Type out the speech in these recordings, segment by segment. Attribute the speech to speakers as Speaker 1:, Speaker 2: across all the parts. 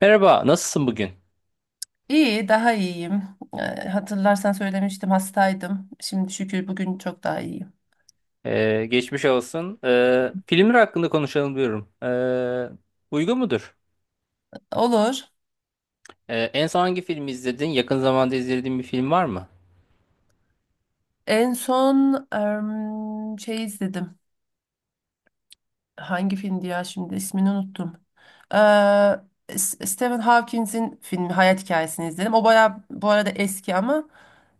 Speaker 1: Merhaba, nasılsın bugün?
Speaker 2: İyi, daha iyiyim. Hatırlarsan söylemiştim hastaydım. Şimdi şükür bugün çok daha iyiyim.
Speaker 1: Geçmiş olsun. Filmler hakkında konuşalım diyorum. Uygun mudur?
Speaker 2: Olur.
Speaker 1: En son hangi filmi izledin? Yakın zamanda izlediğin bir film var mı?
Speaker 2: En son şey izledim. Hangi filmdi ya şimdi ismini unuttum. Stephen Hawking'in filmi Hayat Hikayesini izledim. O baya bu arada eski ama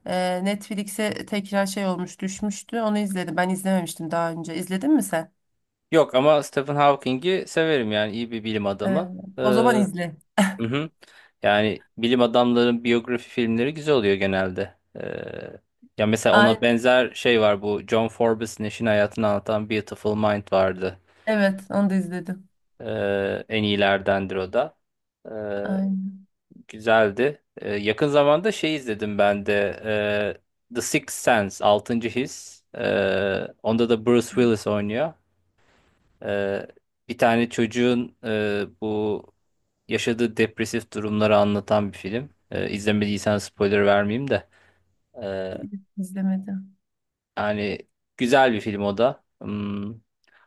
Speaker 2: Netflix'e tekrar şey olmuş düşmüştü. Onu izledim. Ben izlememiştim daha önce. İzledin mi sen?
Speaker 1: Yok ama Stephen Hawking'i severim, yani iyi bir bilim
Speaker 2: Ee,
Speaker 1: adamı.
Speaker 2: O zaman
Speaker 1: Hı
Speaker 2: izle.
Speaker 1: hı. Yani bilim adamların biyografi filmleri güzel oluyor genelde. Ya mesela ona
Speaker 2: Aynen.
Speaker 1: benzer şey var, bu John Forbes'in eşinin hayatını anlatan Beautiful Mind vardı.
Speaker 2: Evet onu da izledim.
Speaker 1: En iyilerdendir o da. Ee,
Speaker 2: Aynen.
Speaker 1: Güzeldi. Yakın zamanda şey izledim ben de. The Sixth Sense, Altıncı His. Onda da Bruce Willis oynuyor. Ee, Bir tane çocuğun, bu yaşadığı depresif durumları anlatan bir film. İzlemediysen spoiler vermeyeyim de. Ee,
Speaker 2: İzlemedim.
Speaker 1: Yani güzel bir film o da. Hmm.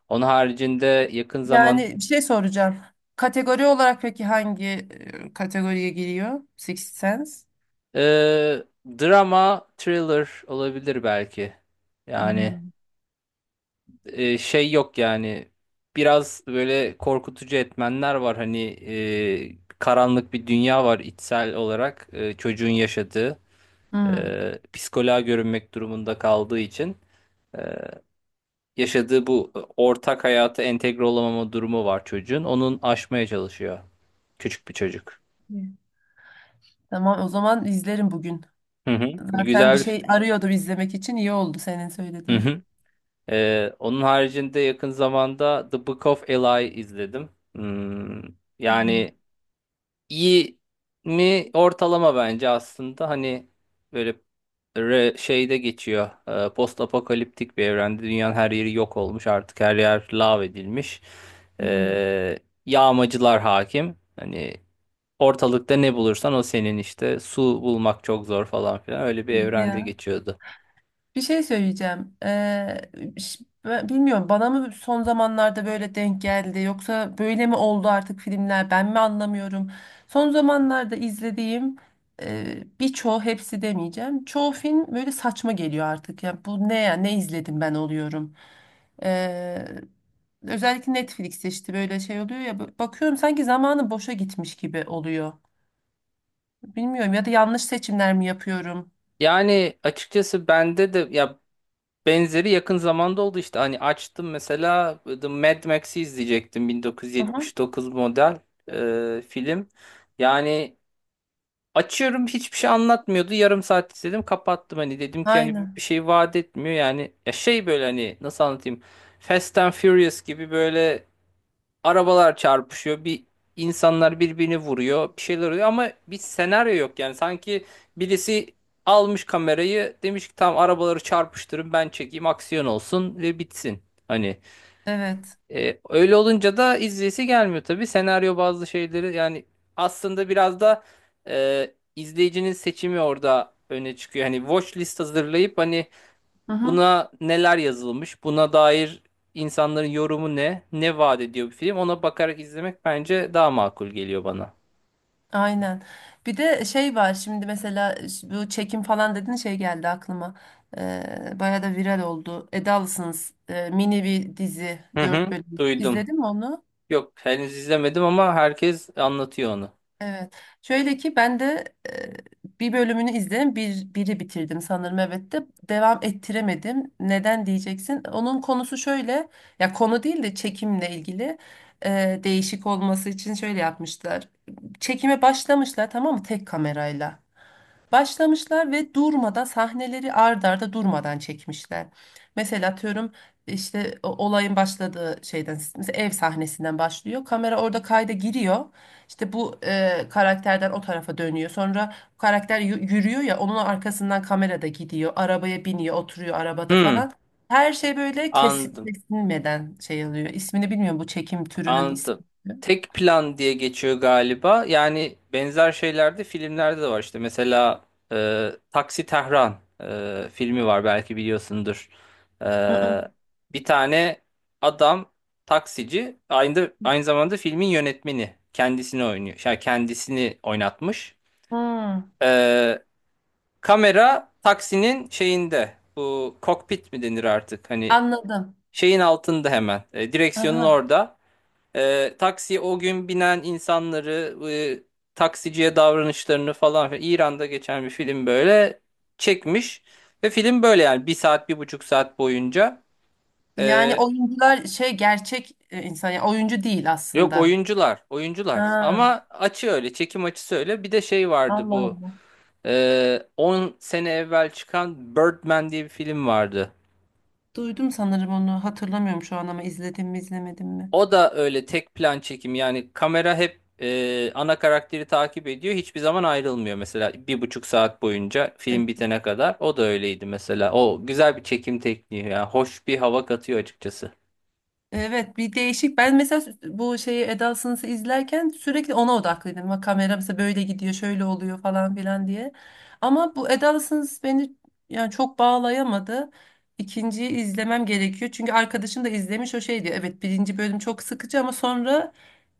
Speaker 1: Onun haricinde yakın zaman,
Speaker 2: Yani bir şey soracağım. Kategori olarak peki hangi kategoriye giriyor? Sixth Sense?
Speaker 1: e, drama, thriller olabilir belki. Yani...
Speaker 2: Hmm.
Speaker 1: şey yok yani, biraz böyle korkutucu etmenler var hani. Karanlık bir dünya var içsel olarak, çocuğun yaşadığı,
Speaker 2: Hmm.
Speaker 1: psikoloğa görünmek durumunda kaldığı için e, yaşadığı bu ortak hayata entegre olamama durumu var çocuğun, onun aşmaya çalışıyor, küçük bir çocuk.
Speaker 2: Evet. Tamam o zaman izlerim bugün.
Speaker 1: Hı hı.
Speaker 2: Zaten bir
Speaker 1: Güzel.
Speaker 2: şey arıyordum izlemek için, iyi oldu senin
Speaker 1: Hı
Speaker 2: söylediğin.
Speaker 1: hı. Onun haricinde yakın zamanda The Book of Eli izledim. Hmm,
Speaker 2: Hmm.
Speaker 1: yani iyi mi ortalama bence aslında, hani böyle şeyde geçiyor, post apokaliptik bir evrende. Dünyanın her yeri yok olmuş artık, her yer lav edilmiş.
Speaker 2: Hmm.
Speaker 1: E, Yağmacılar hakim hani, ortalıkta ne bulursan o senin, işte su bulmak çok zor falan filan, öyle bir
Speaker 2: Hadi
Speaker 1: evrende
Speaker 2: ya.
Speaker 1: geçiyordu.
Speaker 2: Bir şey söyleyeceğim. Ben bilmiyorum, bana mı son zamanlarda böyle denk geldi yoksa böyle mi oldu artık filmler, ben mi anlamıyorum. Son zamanlarda izlediğim birçoğu, hepsi demeyeceğim. Çoğu film böyle saçma geliyor artık. Yani bu ne ya, ne izledim ben oluyorum. Ee, Özellikle Netflix'te işte böyle şey oluyor ya, bakıyorum sanki zamanı boşa gitmiş gibi oluyor. Bilmiyorum, ya da yanlış seçimler mi yapıyorum?
Speaker 1: Yani açıkçası bende de ya, benzeri yakın zamanda oldu işte. Hani açtım mesela The Mad Max'i izleyecektim.
Speaker 2: Aha.
Speaker 1: 1979 model film. Yani açıyorum, hiçbir şey anlatmıyordu. Yarım saat izledim, kapattım. Hani dedim ki hani bir
Speaker 2: Aynen.
Speaker 1: şey vaat etmiyor. Yani ya şey böyle, hani nasıl anlatayım. Fast and Furious gibi böyle arabalar çarpışıyor. Bir insanlar birbirini vuruyor. Bir şeyler oluyor ama bir senaryo yok yani. Sanki birisi almış kamerayı, demiş ki tamam arabaları çarpıştırın, ben çekeyim aksiyon olsun ve bitsin. Hani
Speaker 2: Evet.
Speaker 1: öyle olunca da izleyesi gelmiyor tabii. Senaryo bazı şeyleri, yani aslında biraz da e, izleyicinin seçimi orada öne çıkıyor. Hani watch list hazırlayıp hani,
Speaker 2: Hı hı.
Speaker 1: buna neler yazılmış? Buna dair insanların yorumu ne? Ne vaat ediyor bir film? Ona bakarak izlemek bence daha makul geliyor bana.
Speaker 2: Aynen. Bir de şey var şimdi mesela, bu çekim falan dediğin şey geldi aklıma. Bayağı da viral oldu. Edalısınız mini bir dizi,
Speaker 1: Hı
Speaker 2: 4
Speaker 1: hı,
Speaker 2: bölüm.
Speaker 1: duydum.
Speaker 2: İzledin mi onu?
Speaker 1: Yok, henüz izlemedim ama herkes anlatıyor onu.
Speaker 2: Evet. Şöyle ki ben de bir bölümünü izledim. Biri bitirdim sanırım, evet, de devam ettiremedim. Neden diyeceksin? Onun konusu şöyle, ya konu değil de çekimle ilgili, değişik olması için şöyle yapmışlar. Çekime başlamışlar, tamam mı? Tek kamerayla. Başlamışlar ve durmadan sahneleri ard arda durmadan çekmişler. Mesela atıyorum, işte olayın başladığı şeyden, mesela ev sahnesinden başlıyor. Kamera orada kayda giriyor. İşte bu karakterden o tarafa dönüyor. Sonra karakter yürüyor ya, onun arkasından kamera da gidiyor. Arabaya biniyor, oturuyor arabada
Speaker 1: Hı,
Speaker 2: falan. Her şey böyle kesin,
Speaker 1: anladım.
Speaker 2: kesilmeden şey alıyor. İsmini bilmiyorum bu çekim türünün ismi.
Speaker 1: Anladım. Tek plan diye geçiyor galiba. Yani benzer şeyler de filmlerde de var. İşte mesela Taksi Tehran filmi var, belki biliyorsundur.
Speaker 2: Hı hı.
Speaker 1: E, Bir tane adam, taksici, aynı zamanda filmin yönetmeni, kendisini oynuyor. Yani kendisini oynatmış.
Speaker 2: Hmm.
Speaker 1: E, Kamera taksinin şeyinde. Bu kokpit mi denir artık? Hani
Speaker 2: Anladım.
Speaker 1: şeyin altında hemen. Direksiyonun
Speaker 2: Aha.
Speaker 1: orada. Taksi o gün binen insanları, taksiciye davranışlarını falan filan. İran'da geçen bir film, böyle çekmiş. Ve film böyle yani, bir saat, 1,5 saat boyunca.
Speaker 2: Yani
Speaker 1: E,
Speaker 2: oyuncular şey, gerçek insan, yani oyuncu değil
Speaker 1: Yok,
Speaker 2: aslında.
Speaker 1: oyuncular, oyuncular.
Speaker 2: Ha,
Speaker 1: Ama açı öyle, çekim açısı öyle. Bir de şey vardı
Speaker 2: Allah
Speaker 1: bu.
Speaker 2: Allah.
Speaker 1: 10 sene evvel çıkan Birdman diye bir film vardı.
Speaker 2: Duydum sanırım, onu hatırlamıyorum şu an ama, izledim mi izlemedim mi?
Speaker 1: O da öyle tek plan çekim, yani kamera hep ana karakteri takip ediyor, hiçbir zaman ayrılmıyor mesela, 1,5 saat boyunca film bitene kadar, o da öyleydi mesela. O güzel bir çekim tekniği yani, hoş bir hava katıyor açıkçası.
Speaker 2: Evet, bir değişik. Ben mesela bu şeyi, Eda Sınıf'ı izlerken sürekli ona odaklıydım. Bak kamera mesela böyle gidiyor, şöyle oluyor falan filan diye. Ama bu Eda Sınıf beni, yani çok bağlayamadı. İkinciyi izlemem gerekiyor. Çünkü arkadaşım da izlemiş, o şey diyor, evet birinci bölüm çok sıkıcı ama sonra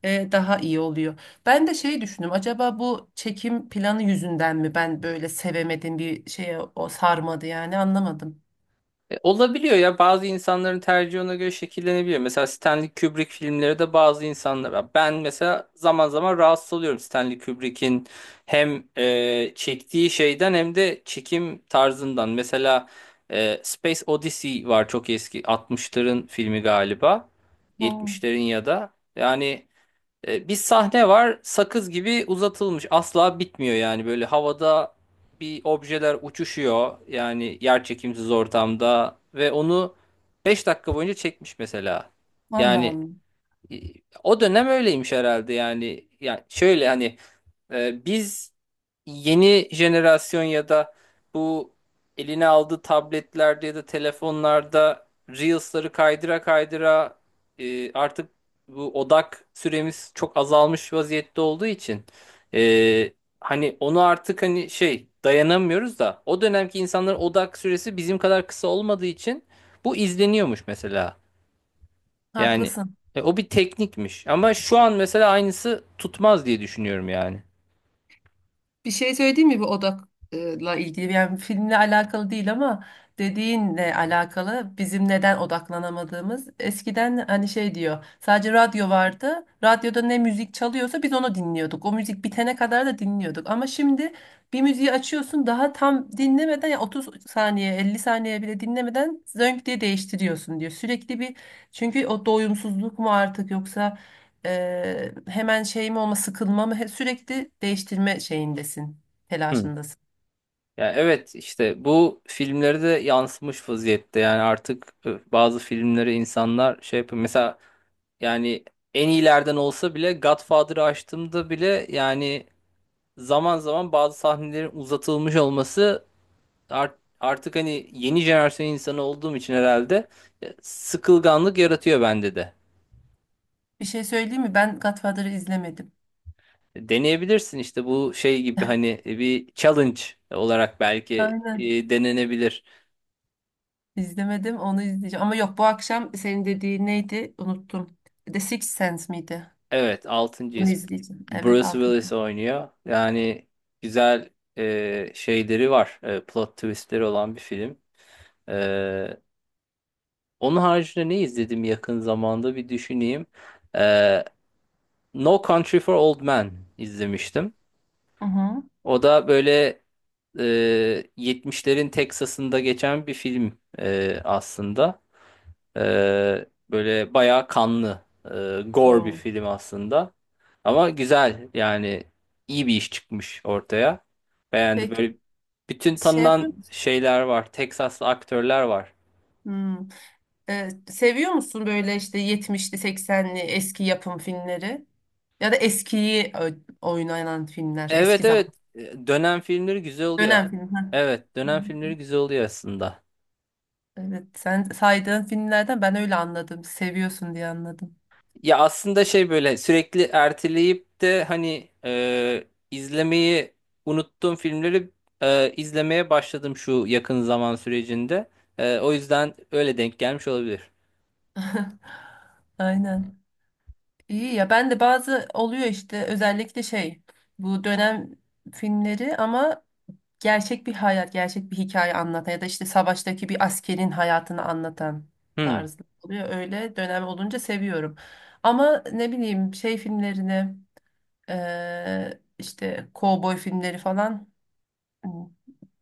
Speaker 2: daha iyi oluyor. Ben de şey düşündüm. Acaba bu çekim planı yüzünden mi ben böyle sevemedim, bir şeye o sarmadı, yani anlamadım.
Speaker 1: Olabiliyor ya, bazı insanların tercihi ona göre şekillenebiliyor. Mesela Stanley Kubrick filmleri de, bazı insanlar, ben mesela zaman zaman rahatsız oluyorum Stanley Kubrick'in hem çektiği şeyden hem de çekim tarzından. Mesela Space Odyssey var, çok eski, 60'ların filmi galiba,
Speaker 2: Hmm.
Speaker 1: 70'lerin ya da. Yani bir sahne var, sakız gibi uzatılmış, asla bitmiyor yani. Böyle havada bir objeler uçuşuyor yani, yerçekimsiz ortamda, ve onu 5 dakika boyunca çekmiş mesela.
Speaker 2: Allah
Speaker 1: Yani
Speaker 2: Allah.
Speaker 1: e, o dönem öyleymiş herhalde yani. Yani şöyle hani, biz yeni jenerasyon ya da bu eline aldığı tabletlerde ya da telefonlarda Reels'ları kaydıra kaydıra, artık bu odak süremiz çok azalmış vaziyette olduğu için, e, hani onu artık hani şey, dayanamıyoruz da o dönemki insanların odak süresi bizim kadar kısa olmadığı için bu izleniyormuş mesela. Yani
Speaker 2: Haklısın.
Speaker 1: o bir teknikmiş. Ama şu an mesela aynısı tutmaz diye düşünüyorum yani.
Speaker 2: Bir şey söyleyeyim mi bu odakla ilgili? Yani filmle alakalı değil ama, dediğinle alakalı, bizim neden odaklanamadığımız. Eskiden hani şey diyor, sadece radyo vardı. Radyoda ne müzik çalıyorsa biz onu dinliyorduk. O müzik bitene kadar da dinliyorduk. Ama şimdi bir müziği açıyorsun, daha tam dinlemeden ya 30 saniye 50 saniye bile dinlemeden zönk diye değiştiriyorsun diyor. Sürekli bir, çünkü o doyumsuzluk mu artık, yoksa hemen şeyim olma, sıkılma mı, sürekli değiştirme şeyindesin,
Speaker 1: Hı.
Speaker 2: telaşındasın.
Speaker 1: Yani evet, işte bu filmlere de yansımış vaziyette. Yani artık bazı filmleri insanlar şey yapıyor. Mesela yani en iyilerden olsa bile Godfather'ı açtığımda bile yani, zaman zaman bazı sahnelerin uzatılmış olması, artık hani yeni jenerasyon insanı olduğum için herhalde, sıkılganlık yaratıyor bende de.
Speaker 2: Bir şey söyleyeyim mi? Ben Godfather'ı izlemedim.
Speaker 1: Deneyebilirsin işte, bu şey gibi hani bir challenge olarak belki
Speaker 2: Aynen.
Speaker 1: denenebilir.
Speaker 2: İzlemedim, onu izleyeceğim. Ama yok, bu akşam senin dediğin neydi? Unuttum. The Sixth Sense miydi?
Speaker 1: Evet,
Speaker 2: Onu
Speaker 1: 6.'yız.
Speaker 2: izleyeceğim. Evet,
Speaker 1: Bruce
Speaker 2: altı.
Speaker 1: Willis oynuyor. Yani güzel şeyleri var. Plot twistleri olan bir film. E, Onun haricinde ne izledim yakın zamanda, bir düşüneyim. E, No Country for Old Men izlemiştim.
Speaker 2: Hı hı.
Speaker 1: O da böyle 70'lerin Texas'ında geçen bir film aslında. E, Böyle bayağı kanlı, gore bir
Speaker 2: Oo.
Speaker 1: film aslında. Ama güzel yani, iyi bir iş çıkmış ortaya. Beğendi.
Speaker 2: Peki
Speaker 1: Böyle bütün
Speaker 2: şey yapıyor
Speaker 1: tanınan
Speaker 2: musun?
Speaker 1: şeyler var. Texaslı aktörler var.
Speaker 2: Hmm. Seviyor musun böyle işte yetmişli seksenli eski yapım filmleri? Ya da eskiyi oynanan filmler, eski
Speaker 1: Evet,
Speaker 2: zaman,
Speaker 1: evet. Dönem filmleri güzel oluyor.
Speaker 2: dönem filmi. Ha.
Speaker 1: Evet, dönem filmleri güzel oluyor aslında.
Speaker 2: Evet, sen saydığın filmlerden ben öyle anladım. Seviyorsun diye anladım.
Speaker 1: Ya aslında şey böyle sürekli erteleyip de hani, izlemeyi unuttuğum filmleri izlemeye başladım şu yakın zaman sürecinde. O yüzden öyle denk gelmiş olabilir.
Speaker 2: Aynen. İyi ya, ben de bazı oluyor işte, özellikle şey, bu dönem filmleri ama gerçek bir hayat, gerçek bir hikaye anlatan ya da işte savaştaki bir askerin hayatını anlatan
Speaker 1: Hmm.
Speaker 2: tarzı oluyor. Öyle dönem olunca seviyorum. Ama ne bileyim, şey filmlerini, işte kovboy filmleri falan, hmm,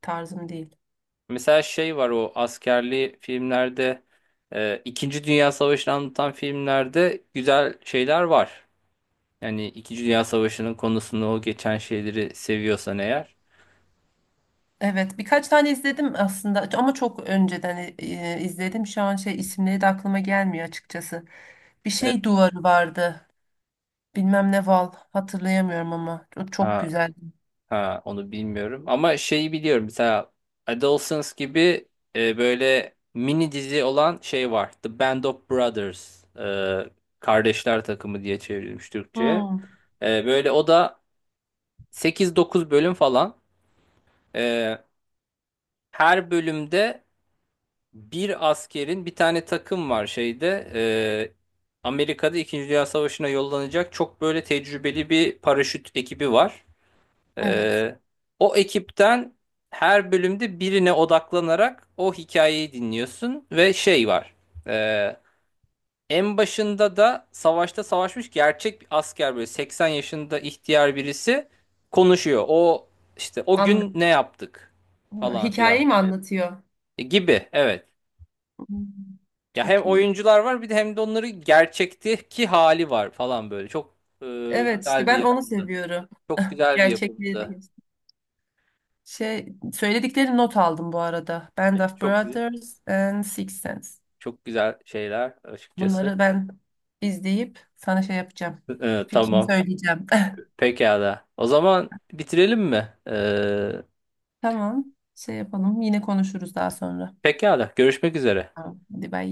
Speaker 2: tarzım değil.
Speaker 1: Mesela şey var, o askerli filmlerde, İkinci Dünya Savaşı'nı anlatan filmlerde güzel şeyler var. Yani İkinci Dünya Savaşı'nın konusunu, o geçen şeyleri seviyorsan eğer.
Speaker 2: Evet, birkaç tane izledim aslında ama çok önceden izledim. Şu an şey, isimleri de aklıma gelmiyor açıkçası. Bir
Speaker 1: E,
Speaker 2: şey duvarı vardı. Bilmem ne Val, hatırlayamıyorum ama o çok
Speaker 1: ha,
Speaker 2: güzeldi.
Speaker 1: ha, onu bilmiyorum. Ama şeyi biliyorum. Mesela Adolescence gibi, böyle mini dizi olan şey var. The Band of Brothers. Kardeşler Takımı diye çevrilmiş Türkçe'ye.
Speaker 2: Hmm,
Speaker 1: Böyle o da 8-9 bölüm falan. E, Her bölümde bir askerin, bir tane takım var şeyde. Amerika'da 2. Dünya Savaşı'na yollanacak çok böyle tecrübeli bir paraşüt ekibi var.
Speaker 2: evet.
Speaker 1: Ee, O ekipten her bölümde birine odaklanarak o hikayeyi dinliyorsun, ve şey var. Ee, En başında da savaşta savaşmış gerçek bir asker, böyle 80 yaşında ihtiyar birisi konuşuyor. O işte o gün
Speaker 2: An.
Speaker 1: ne yaptık
Speaker 2: Ha,
Speaker 1: falan filan
Speaker 2: hikayeyi mi anlatıyor?
Speaker 1: Gibi, evet.
Speaker 2: Hmm,
Speaker 1: Ya hem
Speaker 2: çok iyi.
Speaker 1: oyuncular var, bir de hem de onları gerçekteki hali var falan böyle. Çok e,
Speaker 2: Evet işte
Speaker 1: güzel bir
Speaker 2: ben onu
Speaker 1: yapımdı.
Speaker 2: seviyorum.
Speaker 1: Çok güzel bir
Speaker 2: Gerçekliği de
Speaker 1: yapımdı.
Speaker 2: geçti. Şey söyledikleri not aldım bu arada. Band of
Speaker 1: Çok güzel,
Speaker 2: Brothers and Six Sense.
Speaker 1: çok güzel şeyler açıkçası.
Speaker 2: Bunları ben izleyip sana şey yapacağım. Fikrimi
Speaker 1: Tamam.
Speaker 2: söyleyeceğim.
Speaker 1: Pekala. O zaman bitirelim mi?
Speaker 2: Tamam. Şey yapalım. Yine konuşuruz daha sonra.
Speaker 1: Pekala. Görüşmek üzere.
Speaker 2: Tamam. Hadi bay.